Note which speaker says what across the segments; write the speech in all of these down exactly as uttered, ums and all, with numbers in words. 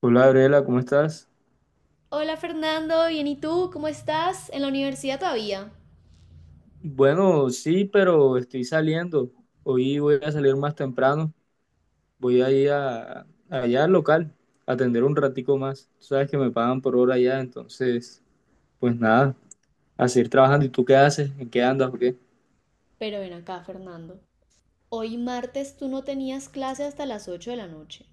Speaker 1: Hola, Gabriela, ¿cómo estás?
Speaker 2: Hola Fernando, bien y tú, ¿cómo estás? En la universidad todavía.
Speaker 1: Bueno, sí, pero estoy saliendo. Hoy voy a salir más temprano. Voy a ir a, allá al local, a atender un ratico más. Tú sabes que me pagan por hora allá, entonces, pues nada, a seguir trabajando. ¿Y tú qué haces? ¿En qué andas o qué?
Speaker 2: Pero ven acá, Fernando. Hoy martes tú no tenías clase hasta las ocho de la noche.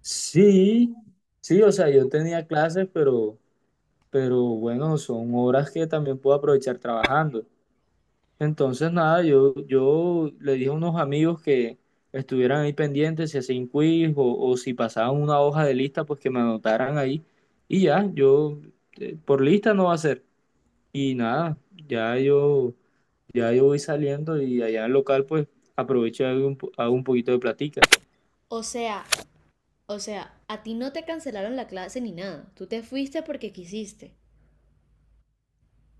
Speaker 1: Sí, sí, o sea, yo tenía clases, pero, pero bueno, son horas que también puedo aprovechar trabajando. Entonces, nada, yo, yo le dije a unos amigos que estuvieran ahí pendientes si hacían quiz o, o si pasaban una hoja de lista, pues que me anotaran ahí. Y ya, yo eh, por lista no va a ser. Y nada, ya yo, ya yo voy saliendo y allá en el local, pues aprovecho y hago un, po- hago un poquito de platica.
Speaker 2: O sea, o sea, a ti no te cancelaron la clase ni nada. Tú te fuiste porque quisiste.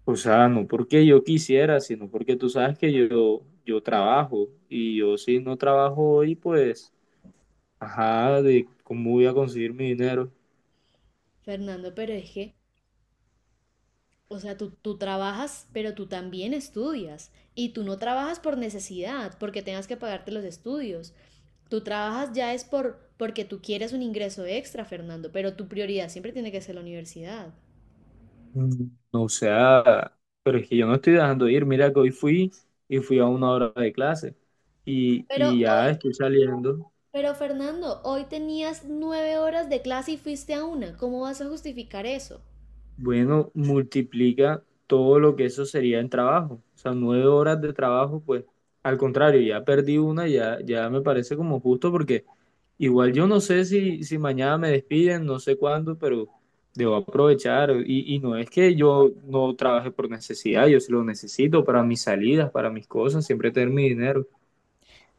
Speaker 1: O sea, no porque yo quisiera, sino porque tú sabes que yo, yo trabajo y yo si no trabajo hoy, pues, ajá, de cómo voy a conseguir mi dinero.
Speaker 2: Fernando, pero es que, o sea, tú, tú trabajas, pero tú también estudias. Y tú no trabajas por necesidad, porque tengas que pagarte los estudios. Tú trabajas ya es por porque tú quieres un ingreso extra, Fernando, pero tu prioridad siempre tiene que ser la universidad.
Speaker 1: Mm. O sea, pero es que yo no estoy dejando de ir. Mira que hoy fui y fui a una hora de clase y,
Speaker 2: Pero
Speaker 1: y ya
Speaker 2: hoy,
Speaker 1: estoy saliendo.
Speaker 2: pero Fernando, hoy tenías nueve horas de clase y fuiste a una. ¿Cómo vas a justificar eso?
Speaker 1: Bueno, multiplica todo lo que eso sería en trabajo. O sea, nueve horas de trabajo, pues al contrario, ya perdí una, ya, ya me parece como justo porque igual yo no sé si, si mañana me despiden, no sé cuándo, pero debo aprovechar. Y, y no es que yo no trabaje por necesidad, yo sí lo necesito para mis salidas, para mis cosas, siempre tener mi dinero.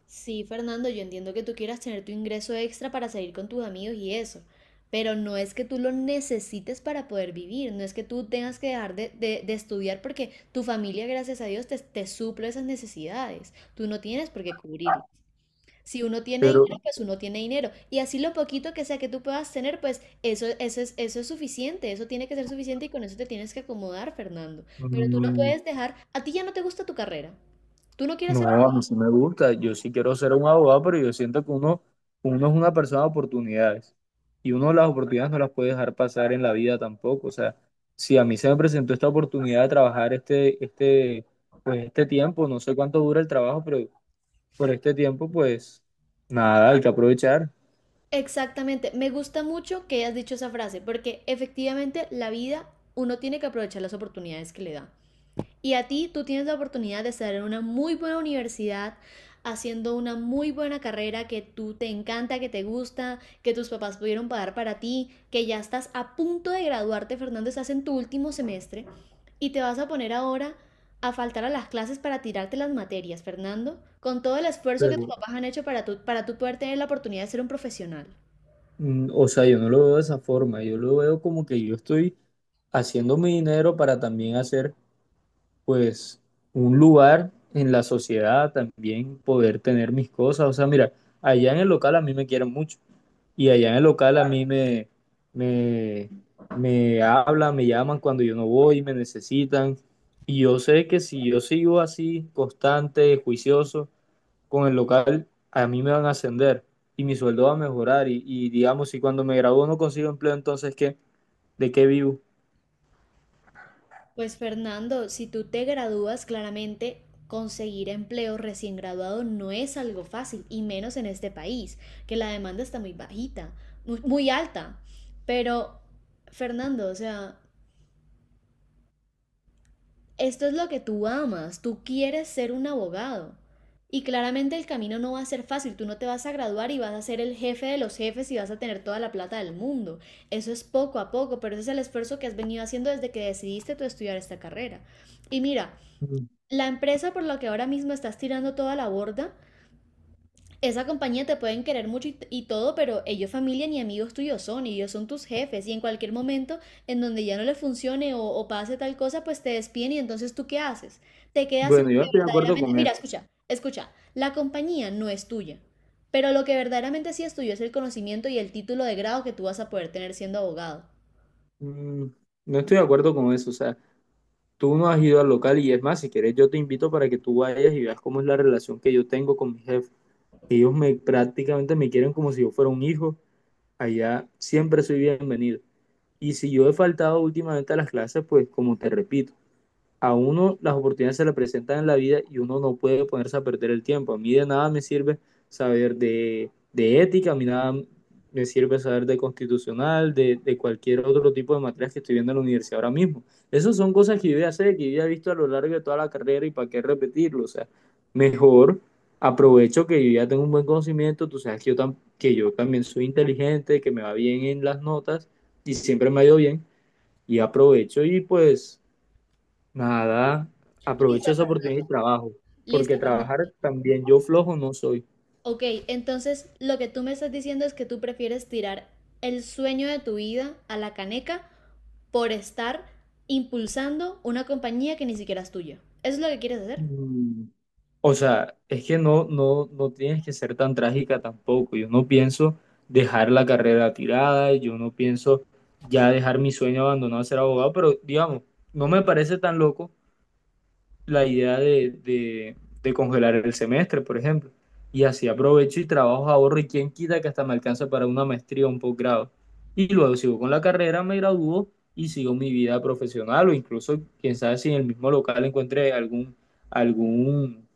Speaker 2: Sí, Fernando, yo entiendo que tú quieras tener tu ingreso extra para salir con tus amigos y eso, pero no es que tú lo necesites para poder vivir, no es que tú tengas que dejar de, de- de estudiar porque tu familia, gracias a Dios, te, te suple esas necesidades. Tú no tienes por qué cubrirlo. Si uno tiene dinero,
Speaker 1: pero
Speaker 2: pues uno tiene dinero. Y así lo poquito que sea que tú puedas tener, pues eso, eso es, eso es suficiente, eso tiene que ser suficiente y con eso te tienes que acomodar, Fernando. Pero tú no
Speaker 1: Mm,
Speaker 2: puedes dejar, a ti ya no te gusta tu carrera. Tú no quieres
Speaker 1: No,
Speaker 2: ser...
Speaker 1: a mí sí me gusta. Yo sí quiero ser un abogado, pero yo siento que uno, uno es una persona de oportunidades y uno las oportunidades no las puede dejar pasar en la vida tampoco. O sea, si a mí se me presentó esta oportunidad de trabajar este, este, pues este tiempo, no sé cuánto dura el trabajo, pero por este tiempo, pues nada, hay que aprovechar.
Speaker 2: Exactamente, me gusta mucho que hayas dicho esa frase, porque efectivamente la vida, uno tiene que aprovechar las oportunidades que le da. Y a ti tú tienes la oportunidad de estar en una muy buena universidad, haciendo una muy buena carrera que tú te encanta, que te gusta, que tus papás pudieron pagar para ti, que ya estás a punto de graduarte, Fernando, estás en tu último semestre y te vas a poner ahora a faltar a las clases para tirarte las materias, Fernando, con todo el esfuerzo que tus
Speaker 1: Pero,
Speaker 2: papás han hecho para tú, para tú poder tener la oportunidad de ser un profesional.
Speaker 1: mm, o sea, yo no lo veo de esa forma. Yo lo veo como que yo estoy haciendo mi dinero para también hacer pues un lugar en la sociedad también, poder tener mis cosas. O sea, mira, allá en el local a mí me quieren mucho y allá en el local a mí me, me, me hablan, me llaman cuando yo no voy, me necesitan. Y yo sé que si yo sigo así, constante, juicioso, con el local, a mí me van a ascender y mi sueldo va a mejorar. Y, y digamos, si cuando me gradúo no consigo empleo, entonces, ¿qué? ¿De qué vivo?
Speaker 2: Pues Fernando, si tú te gradúas, claramente conseguir empleo recién graduado no es algo fácil, y menos en este país, que la demanda está muy bajita, muy, muy alta. Pero, Fernando, o sea, esto es lo que tú amas, tú quieres ser un abogado. Y claramente el camino no va a ser fácil, tú no te vas a graduar y vas a ser el jefe de los jefes y vas a tener toda la plata del mundo. Eso es poco a poco, pero ese es el esfuerzo que has venido haciendo desde que decidiste tú estudiar esta carrera. Y mira,
Speaker 1: Mm.
Speaker 2: la empresa por la que ahora mismo estás tirando toda la borda, esa compañía te pueden querer mucho y, y, todo, pero ellos familia ni amigos tuyos son, y ellos son tus jefes y en cualquier momento en donde ya no le funcione o, o pase tal cosa, pues te despiden y entonces ¿tú qué haces? Te quedas sin lo
Speaker 1: Bueno, yo
Speaker 2: que
Speaker 1: estoy de acuerdo
Speaker 2: verdaderamente...
Speaker 1: con
Speaker 2: Mira,
Speaker 1: eso.
Speaker 2: escucha, escucha, la compañía no es tuya, pero lo que verdaderamente sí es tuyo es el conocimiento y el título de grado que tú vas a poder tener siendo abogado.
Speaker 1: Mm, No estoy de acuerdo con eso, o sea, tú no has ido al local y es más, si quieres yo te invito para que tú vayas y veas cómo es la relación que yo tengo con mi jefe. Ellos me prácticamente me quieren como si yo fuera un hijo, allá siempre soy bienvenido. Y si yo he faltado últimamente a las clases, pues como te repito, a uno las oportunidades se le presentan en la vida y uno no puede ponerse a perder el tiempo. A mí de nada me sirve saber de, de ética, a mí nada me sirve saber de constitucional, de, de, cualquier otro tipo de materias que estoy viendo en la universidad ahora mismo. Esas son cosas que yo ya sé, que yo ya he visto a lo largo de toda la carrera y para qué repetirlo. O sea, mejor aprovecho que yo ya tengo un buen conocimiento, tú sabes que yo, tam que yo también soy inteligente, que me va bien en las notas y siempre me ha ido bien y aprovecho y pues nada, aprovecha
Speaker 2: Listo,
Speaker 1: esa oportunidad
Speaker 2: Fernando.
Speaker 1: y trabajo,
Speaker 2: Listo,
Speaker 1: porque
Speaker 2: Fernando.
Speaker 1: trabajar también yo flojo no soy.
Speaker 2: Ok, entonces lo que tú me estás diciendo es que tú prefieres tirar el sueño de tu vida a la caneca por estar impulsando una compañía que ni siquiera es tuya. ¿Eso es lo que quieres hacer?
Speaker 1: Mm, O sea, es que no, no, no tienes que ser tan trágica tampoco. Yo no pienso dejar la carrera tirada, yo no pienso ya dejar mi sueño abandonado de ser abogado, pero digamos, no me parece tan loco la idea de, de- de congelar el semestre, por ejemplo. Y así aprovecho y trabajo, ahorro y quién quita que hasta me alcanza para una maestría o un posgrado. Y luego sigo con la carrera, me gradúo y sigo mi vida profesional o incluso, quién sabe si en el mismo local encuentre algún, algún,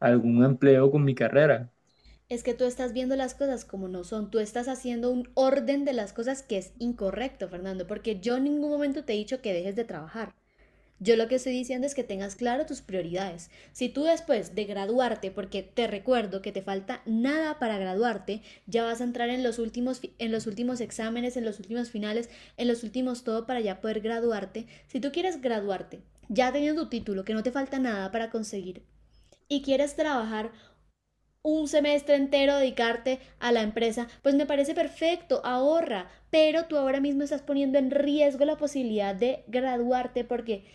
Speaker 1: algún empleo con mi carrera.
Speaker 2: Es que tú estás viendo las cosas como no son, tú estás haciendo un orden de las cosas que es incorrecto, Fernando, porque yo en ningún momento te he dicho que dejes de trabajar. Yo lo que estoy diciendo es que tengas claro tus prioridades. Si tú después de graduarte, porque te recuerdo que te falta nada para graduarte, ya vas a entrar en los últimos en los últimos exámenes, en los últimos finales, en los últimos todo para ya poder graduarte. Si tú quieres graduarte, ya teniendo tu título, que no te falta nada para conseguir y quieres trabajar un semestre entero dedicarte a la empresa, pues me parece perfecto, ahorra, pero tú ahora mismo estás poniendo en riesgo la posibilidad de graduarte porque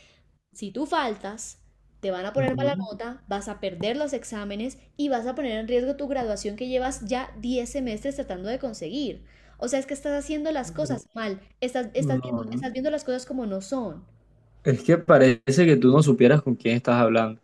Speaker 2: si tú faltas, te van a poner mala
Speaker 1: Ujú.
Speaker 2: nota, vas a perder los exámenes y vas a poner en riesgo tu graduación que llevas ya diez semestres tratando de conseguir. O sea, es que estás haciendo las cosas mal, estás, estás viendo,
Speaker 1: No, no.
Speaker 2: estás viendo las cosas como no son.
Speaker 1: Es que parece que tú no supieras con quién estás hablando.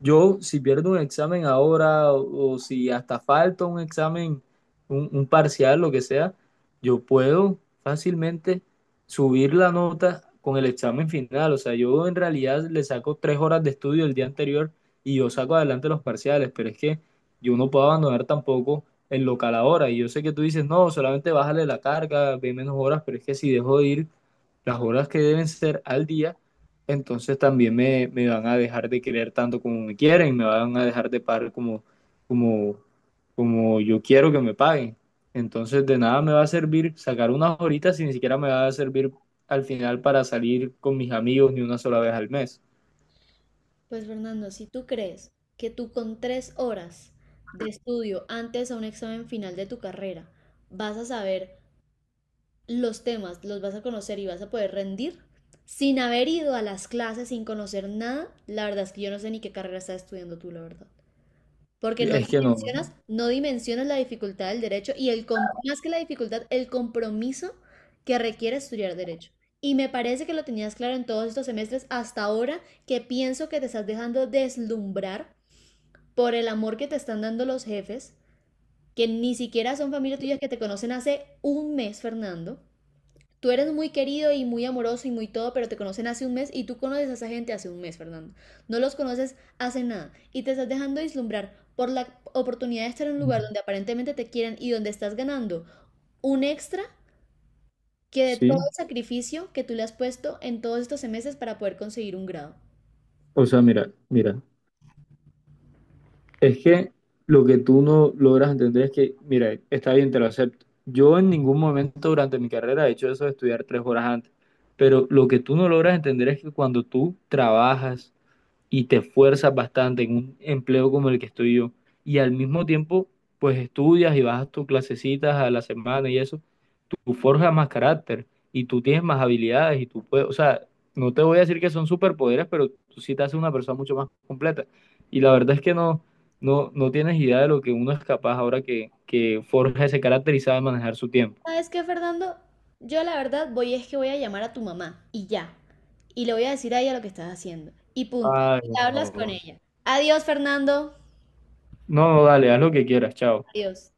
Speaker 1: Yo, si pierdo un examen ahora o, o si hasta falta un examen, un, un parcial, lo que sea, yo puedo fácilmente subir la nota con el examen final. O sea, yo en realidad le saco tres horas de estudio el día anterior y yo saco adelante los parciales, pero es que yo no puedo abandonar tampoco el local ahora. Y yo sé que tú dices, no, solamente bájale la carga, ve menos horas, pero es que si dejo de ir las horas que deben ser al día, entonces también me, me van a dejar de querer tanto como me quieren y me van a dejar de pagar como, como, como yo quiero que me paguen. Entonces de nada me va a servir sacar unas horitas y ni siquiera me va a servir al final para salir con mis amigos ni una sola vez al mes.
Speaker 2: Pues Fernando, si tú crees que tú con tres horas de estudio antes a un examen final de tu carrera vas a saber los temas los vas a conocer y vas a poder rendir sin haber ido a las clases, sin conocer nada, la verdad es que yo no sé ni qué carrera estás estudiando tú, la verdad. Porque no
Speaker 1: Es que no.
Speaker 2: dimensionas, no dimensionas la dificultad del derecho y el com- más que la dificultad, el compromiso que requiere estudiar derecho. Y me parece que lo tenías claro en todos estos semestres hasta ahora que pienso que te estás dejando deslumbrar por el amor que te están dando los jefes, que ni siquiera son familia tuya que te conocen hace un mes, Fernando, tú eres muy querido y muy amoroso y muy todo, pero te conocen hace un mes y tú conoces a esa gente hace un mes, Fernando. No los conoces hace nada y te estás dejando deslumbrar por la oportunidad de estar en un lugar donde aparentemente te quieren y donde estás ganando un extra que de todo
Speaker 1: Sí,
Speaker 2: el sacrificio que tú le has puesto en todos estos meses para poder conseguir un grado.
Speaker 1: o sea, mira, mira. Es que lo que tú no logras entender es que, mira, está bien, te lo acepto. Yo en ningún momento durante mi carrera he hecho eso de estudiar tres horas antes, pero lo que tú no logras entender es que cuando tú trabajas y te esfuerzas bastante en un empleo como el que estoy yo, y al mismo tiempo, pues estudias y vas a tus clasecitas a la semana y eso, tú forjas más carácter y tú tienes más habilidades y tú puedes, o sea, no te voy a decir que son superpoderes, pero tú sí te haces una persona mucho más completa. Y la verdad es que no, no, no tienes idea de lo que uno es capaz ahora que, que forja ese carácter y sabe manejar su tiempo.
Speaker 2: ¿Sabes qué, Fernando? Yo la verdad voy es que voy a llamar a tu mamá y ya. Y le voy a decir a ella lo que estás haciendo. Y punto.
Speaker 1: Ay,
Speaker 2: Y hablas con
Speaker 1: no.
Speaker 2: ella. Adiós, Fernando.
Speaker 1: No, no, dale, haz lo que quieras, chao.
Speaker 2: Adiós.